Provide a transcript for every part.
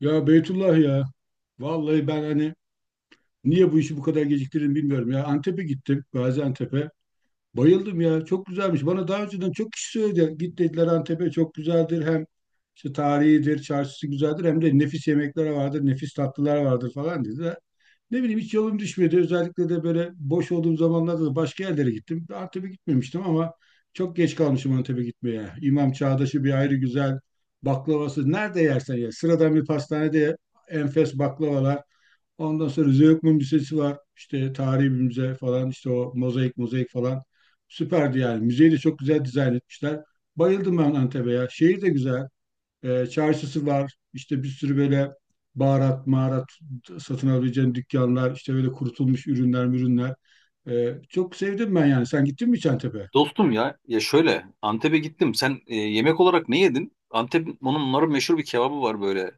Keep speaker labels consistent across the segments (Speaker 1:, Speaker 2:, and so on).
Speaker 1: Ya Beytullah ya. Vallahi ben hani niye bu işi bu kadar geciktirdim bilmiyorum ya. Antep'e gittim, Gaziantep'e. Bayıldım ya. Çok güzelmiş. Bana daha önceden çok kişi söyledi. Git dediler Antep'e çok güzeldir. Hem işte tarihidir, çarşısı güzeldir. Hem de nefis yemekler vardır, nefis tatlılar vardır falan dedi. Ne bileyim hiç yolum düşmedi. Özellikle de böyle boş olduğum zamanlarda da başka yerlere gittim. Antep'e gitmemiştim ama çok geç kalmışım Antep'e gitmeye. İmam Çağdaş'ı bir ayrı güzel baklavası. Nerede yersen ye. Sıradan bir pastanede enfes baklavalar. Ondan sonra Zeugma Müzesi var. İşte tarihi bir müze falan. İşte o mozaik mozaik falan. Süperdi yani. Müzeyi de çok güzel dizayn etmişler. Bayıldım ben Antep'e ya. Şehir de güzel. Çarşısı var. İşte bir sürü böyle baharat, maharat satın alabileceğin dükkanlar, işte böyle kurutulmuş ürünler, ürünler. Çok sevdim ben yani. Sen gittin mi Çantepe?
Speaker 2: Dostum ya şöyle Antep'e gittim. Sen yemek olarak ne yedin? Antep onların meşhur bir kebabı var böyle.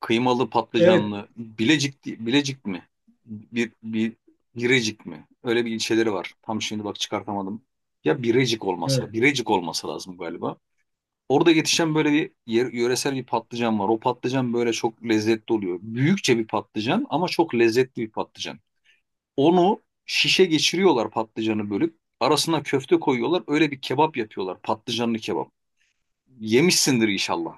Speaker 2: Kıymalı
Speaker 1: Evet,
Speaker 2: patlıcanlı. Bilecik mi? Bir bir Birecik mi? Öyle bir ilçeleri var. Tam şimdi bak çıkartamadım. Ya Birecik olması,
Speaker 1: evet.
Speaker 2: Birecik olması lazım galiba. Orada yetişen böyle bir yöresel bir patlıcan var. O patlıcan böyle çok lezzetli oluyor. Büyükçe bir patlıcan ama çok lezzetli bir patlıcan. Onu şişe geçiriyorlar patlıcanı bölüp. Arasına köfte koyuyorlar. Öyle bir kebap yapıyorlar. Patlıcanlı kebap. Yemişsindir inşallah.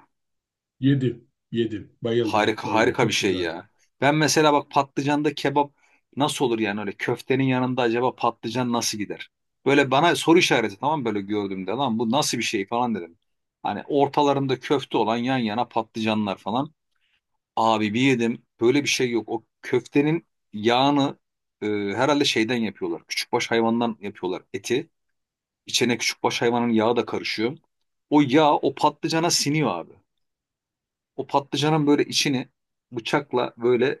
Speaker 1: Yedim, yedim. Bayıldım,
Speaker 2: Harika
Speaker 1: bayıldım.
Speaker 2: harika bir
Speaker 1: Çok
Speaker 2: şey
Speaker 1: güzeldi.
Speaker 2: ya. Ben mesela bak patlıcanda kebap nasıl olur yani öyle köftenin yanında acaba patlıcan nasıl gider? Böyle bana soru işareti, tamam mı? Böyle gördüğümde lan bu nasıl bir şey falan dedim. Hani ortalarında köfte olan yan yana patlıcanlar falan. Abi bir yedim. Böyle bir şey yok. O köftenin yağını herhalde şeyden yapıyorlar. Küçükbaş hayvandan yapıyorlar eti. İçine küçükbaş hayvanın yağı da karışıyor. O yağ o patlıcana siniyor abi. O patlıcanın böyle içini bıçakla böyle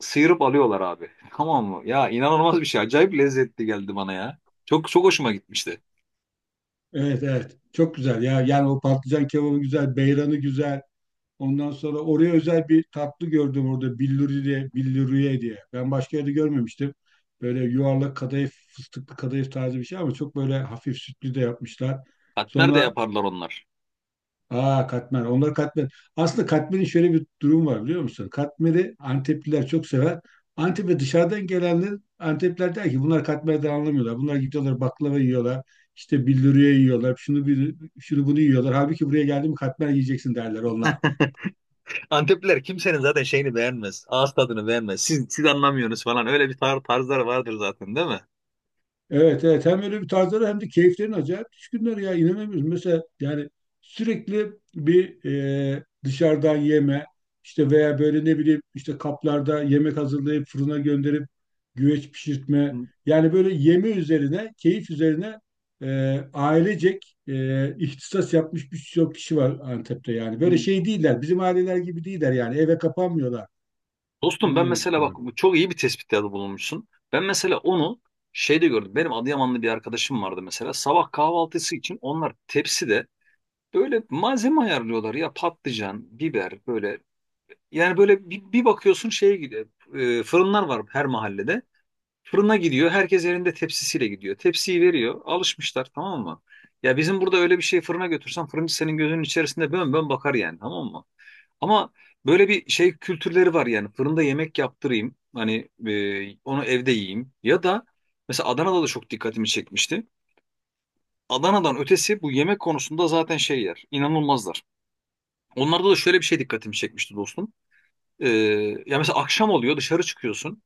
Speaker 2: sıyırıp alıyorlar abi. Tamam mı? Ya inanılmaz bir şey. Acayip lezzetli geldi bana ya. Çok çok hoşuma gitmişti.
Speaker 1: Evet, evet. Çok güzel ya. Yani o patlıcan kebabı güzel, beyranı güzel. Ondan sonra oraya özel bir tatlı gördüm orada billuri diye, billuriye diye. Ben başka yerde görmemiştim. Böyle yuvarlak kadayıf, fıstıklı kadayıf tarzı bir şey ama çok böyle hafif sütlü de yapmışlar.
Speaker 2: Katmer de
Speaker 1: Sonra
Speaker 2: yaparlar onlar.
Speaker 1: katmer, onlar katmer. Aslında katmerin şöyle bir durum var biliyor musun? Katmeri Antepliler çok sever. Antep ve dışarıdan gelenler, Antepliler der ki bunlar katmerden anlamıyorlar. Bunlar gidiyorlar baklava yiyorlar. İşte billuriye yiyorlar. Şunu bunu yiyorlar. Halbuki buraya geldi mi katmer yiyeceksin derler onlar.
Speaker 2: Antepliler kimsenin zaten şeyini beğenmez. Ağız tadını beğenmez. Siz anlamıyorsunuz falan. Öyle bir tarzları vardır zaten, değil mi?
Speaker 1: Evet, evet, hem öyle bir tarzları hem de keyiflerin acayip düşkünler ya, inanamıyoruz. Mesela yani sürekli bir dışarıdan yeme, işte veya böyle ne bileyim işte kaplarda yemek hazırlayıp fırına gönderip güveç pişirtme. Yani böyle yeme üzerine keyif üzerine e, ailecek ihtisas yapmış birçok kişi var Antep'te yani. Böyle şey değiller, bizim aileler gibi değiller yani, eve kapanmıyorlar.
Speaker 2: Dostum
Speaker 1: Onu
Speaker 2: ben
Speaker 1: demek
Speaker 2: mesela bak
Speaker 1: istiyorum.
Speaker 2: bu çok iyi bir tespitlerde bulunmuşsun. Ben mesela onu şeyde gördüm. Benim Adıyamanlı bir arkadaşım vardı mesela. Sabah kahvaltısı için onlar tepside böyle malzeme ayarlıyorlar ya, patlıcan, biber böyle. Yani böyle bir bakıyorsun şeye gidiyor. Fırınlar var her mahallede. Fırına gidiyor. Herkes elinde tepsisiyle gidiyor. Tepsiyi veriyor. Alışmışlar, tamam mı? Ya bizim burada öyle bir şey fırına götürsen fırıncı senin gözünün içerisinde bön bön bakar yani, tamam mı? Ama böyle bir şey kültürleri var yani fırında yemek yaptırayım hani onu evde yiyeyim ya da mesela Adana'da da çok dikkatimi çekmişti. Adana'dan ötesi bu yemek konusunda zaten şeyler inanılmazlar. Onlarda da şöyle bir şey dikkatimi çekmişti dostum. E, Ya mesela akşam oluyor, dışarı çıkıyorsun.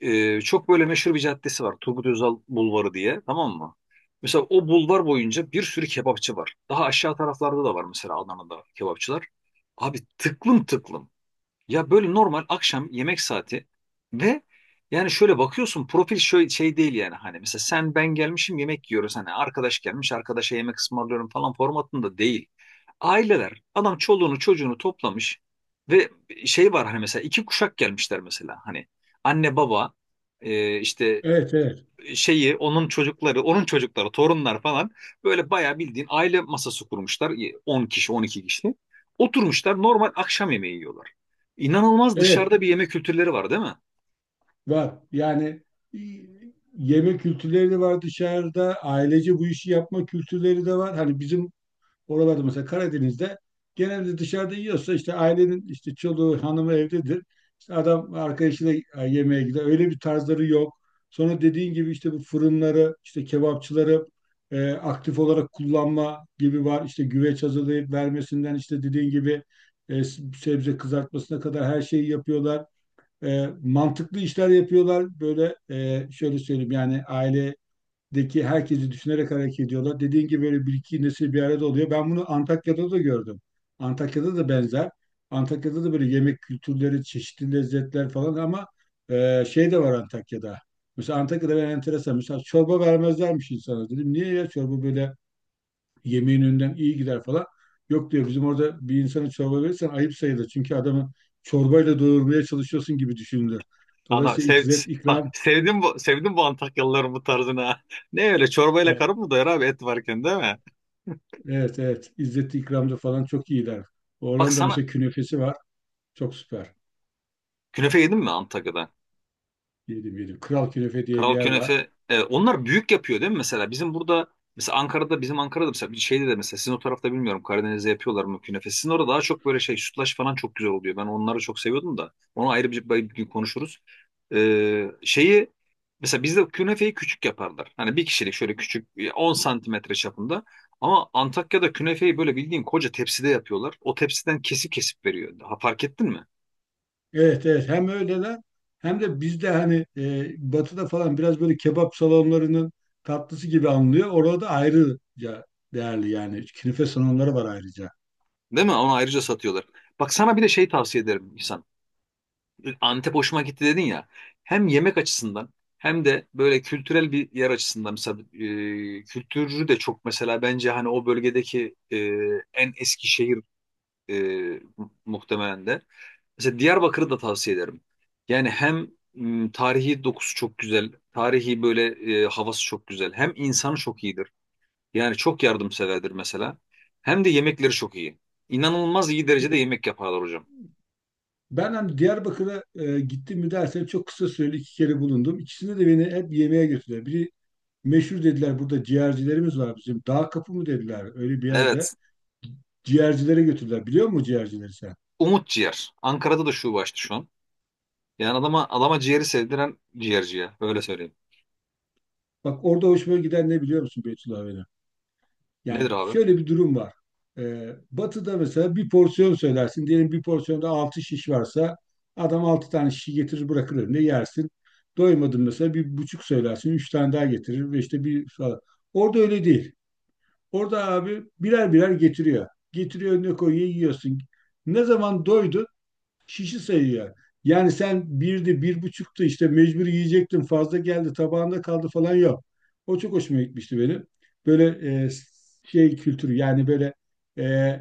Speaker 2: Çok böyle meşhur bir caddesi var Turgut Özal Bulvarı diye, tamam mı? Mesela o bulvar boyunca bir sürü kebapçı var. Daha aşağı taraflarda da var mesela Adana'da kebapçılar. Abi tıklım tıklım. Ya böyle normal akşam yemek saati ve yani şöyle bakıyorsun profil şöyle şey değil yani hani mesela sen ben gelmişim yemek yiyoruz hani arkadaş gelmiş arkadaşa yemek ısmarlıyorum falan formatında değil. Aileler adam çoluğunu çocuğunu toplamış ve şey var hani mesela iki kuşak gelmişler mesela hani anne baba işte
Speaker 1: Evet, evet.
Speaker 2: şeyi, onun çocukları, onun çocukları, torunlar falan böyle bayağı bildiğin aile masası kurmuşlar. 10 kişi, 12 kişi. Oturmuşlar normal akşam yemeği yiyorlar. İnanılmaz
Speaker 1: Evet.
Speaker 2: dışarıda bir yeme kültürleri var değil mi?
Speaker 1: Var. Yani e, yeme kültürleri de var dışarıda. Ailece bu işi yapma kültürleri de var. Hani bizim oralarda mesela Karadeniz'de, genelde dışarıda yiyorsa işte ailenin işte çoluğu, hanımı evdedir. İşte adam arkadaşıyla yemeğe gider. Öyle bir tarzları yok. Sonra dediğin gibi işte bu fırınları, işte kebapçıları aktif olarak kullanma gibi var. İşte güveç hazırlayıp vermesinden işte dediğin gibi e, sebze kızartmasına kadar her şeyi yapıyorlar, mantıklı işler yapıyorlar. Böyle şöyle söyleyeyim yani, ailedeki herkesi düşünerek hareket ediyorlar. Dediğin gibi böyle bir iki nesil bir arada oluyor. Ben bunu Antakya'da da gördüm. Antakya'da da benzer. Antakya'da da böyle yemek kültürleri, çeşitli lezzetler falan ama şey de var Antakya'da. Mesela Antakya'da ben enteresan. Mesela çorba vermezlermiş insana. Dedim niye ya, çorba böyle yemeğin önünden iyi gider falan. Yok diyor, bizim orada bir insana çorba verirsen ayıp sayılır. Çünkü adamı çorbayla doyurmaya çalışıyorsun gibi düşünülür.
Speaker 2: Ana
Speaker 1: Dolayısıyla
Speaker 2: sev,
Speaker 1: izzet
Speaker 2: bak
Speaker 1: ikram
Speaker 2: sevdim bu, sevdim bu Antakyalıların bu tarzını. Ha. Ne öyle çorbayla
Speaker 1: evet,
Speaker 2: karın mı doyar abi et varken değil mi?
Speaker 1: evet, evet. İzzet ikramda falan çok iyiler.
Speaker 2: Bak
Speaker 1: Oranın da
Speaker 2: sana
Speaker 1: mesela künefesi var. Çok süper.
Speaker 2: künefe yedin mi Antakya'da?
Speaker 1: Yedim, yedim. Kral Künefe diye bir
Speaker 2: Kral
Speaker 1: yer var.
Speaker 2: künefe, onlar büyük yapıyor değil mi mesela? Bizim burada mesela Ankara'da, bizim Ankara'da mesela bir şeyde de mesela sizin o tarafta bilmiyorum, Karadeniz'de yapıyorlar mı künefe? Sizin orada daha çok böyle şey sütlaç falan çok güzel oluyor. Ben onları çok seviyordum da. Onu ayrı bir gün konuşuruz. E, şeyi Mesela bizde künefeyi küçük yaparlar. Hani bir kişilik şöyle küçük, 10 santimetre çapında. Ama Antakya'da künefeyi böyle bildiğin koca tepside yapıyorlar. O tepsiden kesip kesip veriyor. Ha, fark ettin mi?
Speaker 1: Evet, evet, hem öyleler hem de bizde hani batıda falan biraz böyle kebap salonlarının tatlısı gibi anılıyor. Orada da ayrıca değerli yani. Künefe salonları var ayrıca.
Speaker 2: Değil mi? Onu ayrıca satıyorlar. Bak sana bir de şey tavsiye ederim İhsan. Antep hoşuma gitti dedin ya. Hem yemek açısından hem de böyle kültürel bir yer açısından mesela kültürü de çok, mesela bence hani o bölgedeki en eski şehir e, muhtemelen de. Mesela Diyarbakır'ı da tavsiye ederim. Yani hem tarihi dokusu çok güzel, tarihi böyle havası çok güzel. Hem insanı çok iyidir. Yani çok yardımseverdir mesela. Hem de yemekleri çok iyi. İnanılmaz iyi
Speaker 1: Ya-
Speaker 2: derecede yemek yaparlar hocam.
Speaker 1: Ben hani Diyarbakır'a gittim mi dersen çok kısa süreli iki kere bulundum. İkisinde de beni hep yemeğe götürdüler. Biri meşhur dediler, burada ciğercilerimiz var bizim. Dağ kapı mı dediler, öyle bir yerde.
Speaker 2: Evet.
Speaker 1: Ciğercilere götürdüler. Biliyor musun ciğercileri sen?
Speaker 2: Umut Ciğer. Ankara'da da şube açtı şu an. Yani adama adama ciğeri sevdiren ciğerci ya. Öyle söyleyeyim.
Speaker 1: Bak, orada hoşuma giden ne biliyor musun Beytullah benim?
Speaker 2: Nedir
Speaker 1: Yani
Speaker 2: abi?
Speaker 1: şöyle bir durum var. Batı'da mesela bir porsiyon söylersin. Diyelim bir porsiyonda 6 şiş varsa adam 6 tane şişi getirir bırakır önüne yersin. Doymadın mesela bir buçuk söylersin. Üç tane daha getirir ve işte bir falan. Orada öyle değil. Orada abi birer birer getiriyor. Getiriyor önüne koyuyor yiyorsun. Ne zaman doydun, şişi sayıyor. Yani sen birdi, bir buçuktu işte mecbur yiyecektin, fazla geldi tabağında kaldı falan yok. O çok hoşuma gitmişti benim. Böyle e, şey kültürü yani, böyle e,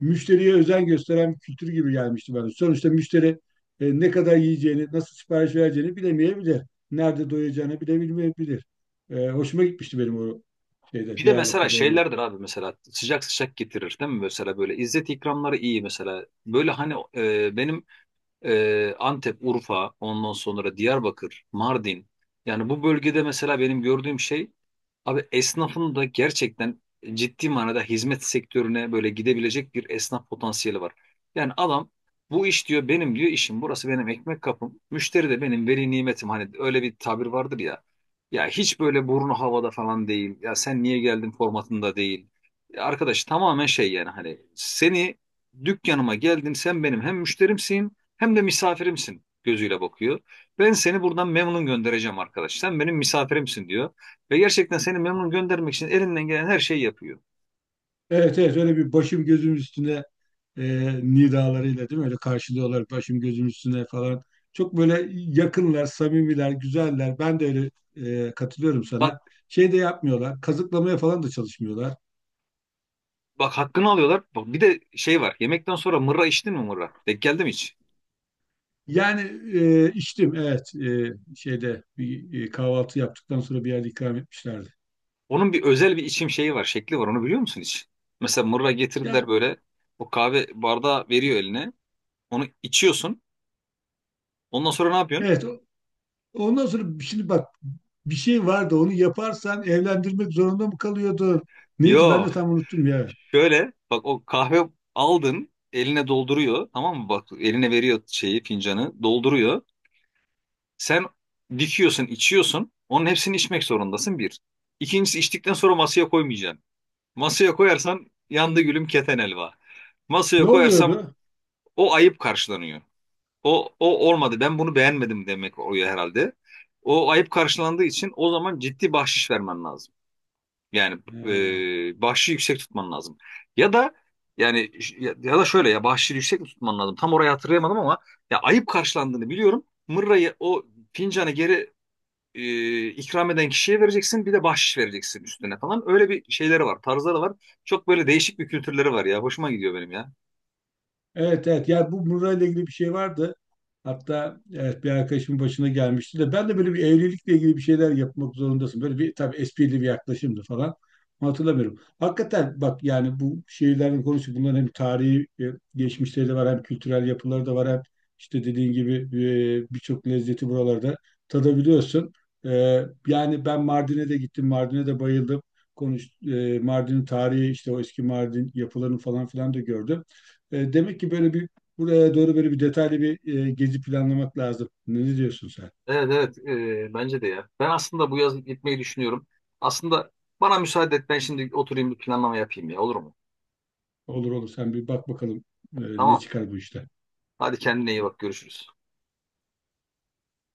Speaker 1: müşteriye özen gösteren bir kültür gibi gelmişti bana. Sonuçta müşteri ne kadar yiyeceğini, nasıl sipariş vereceğini bilemeyebilir. Nerede doyacağını bilemeyebilir. Hoşuma gitmişti benim o şeyde,
Speaker 2: Bir de mesela
Speaker 1: Diyarbakır'da olmam.
Speaker 2: şeylerdir abi mesela sıcak sıcak getirir değil mi? Mesela böyle İzzet ikramları iyi mesela. Böyle hani e, benim Antep, Urfa, ondan sonra Diyarbakır, Mardin. Yani bu bölgede mesela benim gördüğüm şey abi esnafın da gerçekten ciddi manada hizmet sektörüne böyle gidebilecek bir esnaf potansiyeli var. Yani adam bu iş diyor benim, diyor işim burası, benim ekmek kapım. Müşteri de benim veli nimetim, hani öyle bir tabir vardır ya. Ya hiç böyle burnu havada falan değil. Ya sen niye geldin formatında değil. Ya arkadaş tamamen şey yani hani seni dükkanıma geldin sen benim hem müşterimsin hem de misafirimsin gözüyle bakıyor. Ben seni buradan memnun göndereceğim arkadaş. Sen benim misafirimsin diyor. Ve gerçekten seni memnun göndermek için elinden gelen her şeyi yapıyor.
Speaker 1: Evet, evet, öyle bir başım gözüm üstüne e, nidalarıyla değil mi? Öyle karşılıyorlar, başım gözüm üstüne falan. Çok böyle yakınlar, samimiler, güzeller. Ben de öyle katılıyorum
Speaker 2: Bak
Speaker 1: sana. Şey de yapmıyorlar, kazıklamaya falan da çalışmıyorlar.
Speaker 2: bak hakkını alıyorlar. Bak bir de şey var. Yemekten sonra mırra içtin mi, mırra? Denk geldi mi hiç?
Speaker 1: Yani içtim evet, şeyde bir kahvaltı yaptıktan sonra bir yerde ikram etmişlerdi.
Speaker 2: Onun bir özel bir içim şeyi var, şekli var. Onu biliyor musun hiç? Mesela mırra
Speaker 1: Ya
Speaker 2: getirdiler böyle. O kahve bardağı veriyor eline. Onu içiyorsun. Ondan sonra ne yapıyorsun?
Speaker 1: evet ondan sonra şimdi bak, bir şey vardı, onu yaparsan evlendirmek zorunda mı kalıyordun? Neydi, ben
Speaker 2: Yo.
Speaker 1: de tam unuttum ya.
Speaker 2: Şöyle bak, o kahve aldın eline dolduruyor tamam mı, bak eline veriyor şeyi, fincanı dolduruyor. Sen dikiyorsun içiyorsun, onun hepsini içmek zorundasın bir. İkincisi, içtikten sonra masaya koymayacaksın. Masaya koyarsan yandı gülüm keten elva. Masaya
Speaker 1: Ne
Speaker 2: koyarsam
Speaker 1: oluyordu?
Speaker 2: o ayıp karşılanıyor. O, o olmadı ben bunu beğenmedim demek oluyor herhalde. O ayıp karşılandığı için o zaman ciddi bahşiş vermen lazım. Yani
Speaker 1: Ha.
Speaker 2: bahşişi yüksek tutman lazım. Ya da yani ya da şöyle ya bahşişi yüksek mi tutman lazım? Tam orayı hatırlayamadım ama ya ayıp karşılandığını biliyorum. Mırrayı o fincanı geri ikram eden kişiye vereceksin. Bir de bahşiş vereceksin üstüne falan. Öyle bir şeyleri var, tarzları var. Çok böyle değişik bir kültürleri var ya. Hoşuma gidiyor benim ya.
Speaker 1: Evet, evet, yani bu Murra ile ilgili bir şey vardı. Hatta evet bir arkadaşımın başına gelmişti de, ben de böyle bir evlilikle ilgili bir şeyler yapmak zorundasın. Böyle bir tabii esprili bir yaklaşımdı falan. Ama hatırlamıyorum. Hakikaten bak yani, bu şehirlerin konusu bunların hem tarihi geçmişleri de var, hem kültürel yapıları da var, hem işte dediğin gibi birçok lezzeti buralarda tadabiliyorsun. E, Yani ben Mardin'e de gittim. Mardin'e de bayıldım. Konuş, Mardin'in tarihi, işte o eski Mardin yapılarını falan filan da gördüm. Demek ki böyle bir buraya doğru böyle bir detaylı bir gezi planlamak lazım. Ne diyorsun sen?
Speaker 2: Evet evet, bence de ya. Ben aslında bu yaz gitmeyi düşünüyorum. Aslında bana müsaade et ben şimdi oturayım bir planlama yapayım ya, olur mu?
Speaker 1: Olur olur, sen bir bak bakalım ne
Speaker 2: Tamam.
Speaker 1: çıkar bu işte.
Speaker 2: Hadi kendine iyi bak, görüşürüz.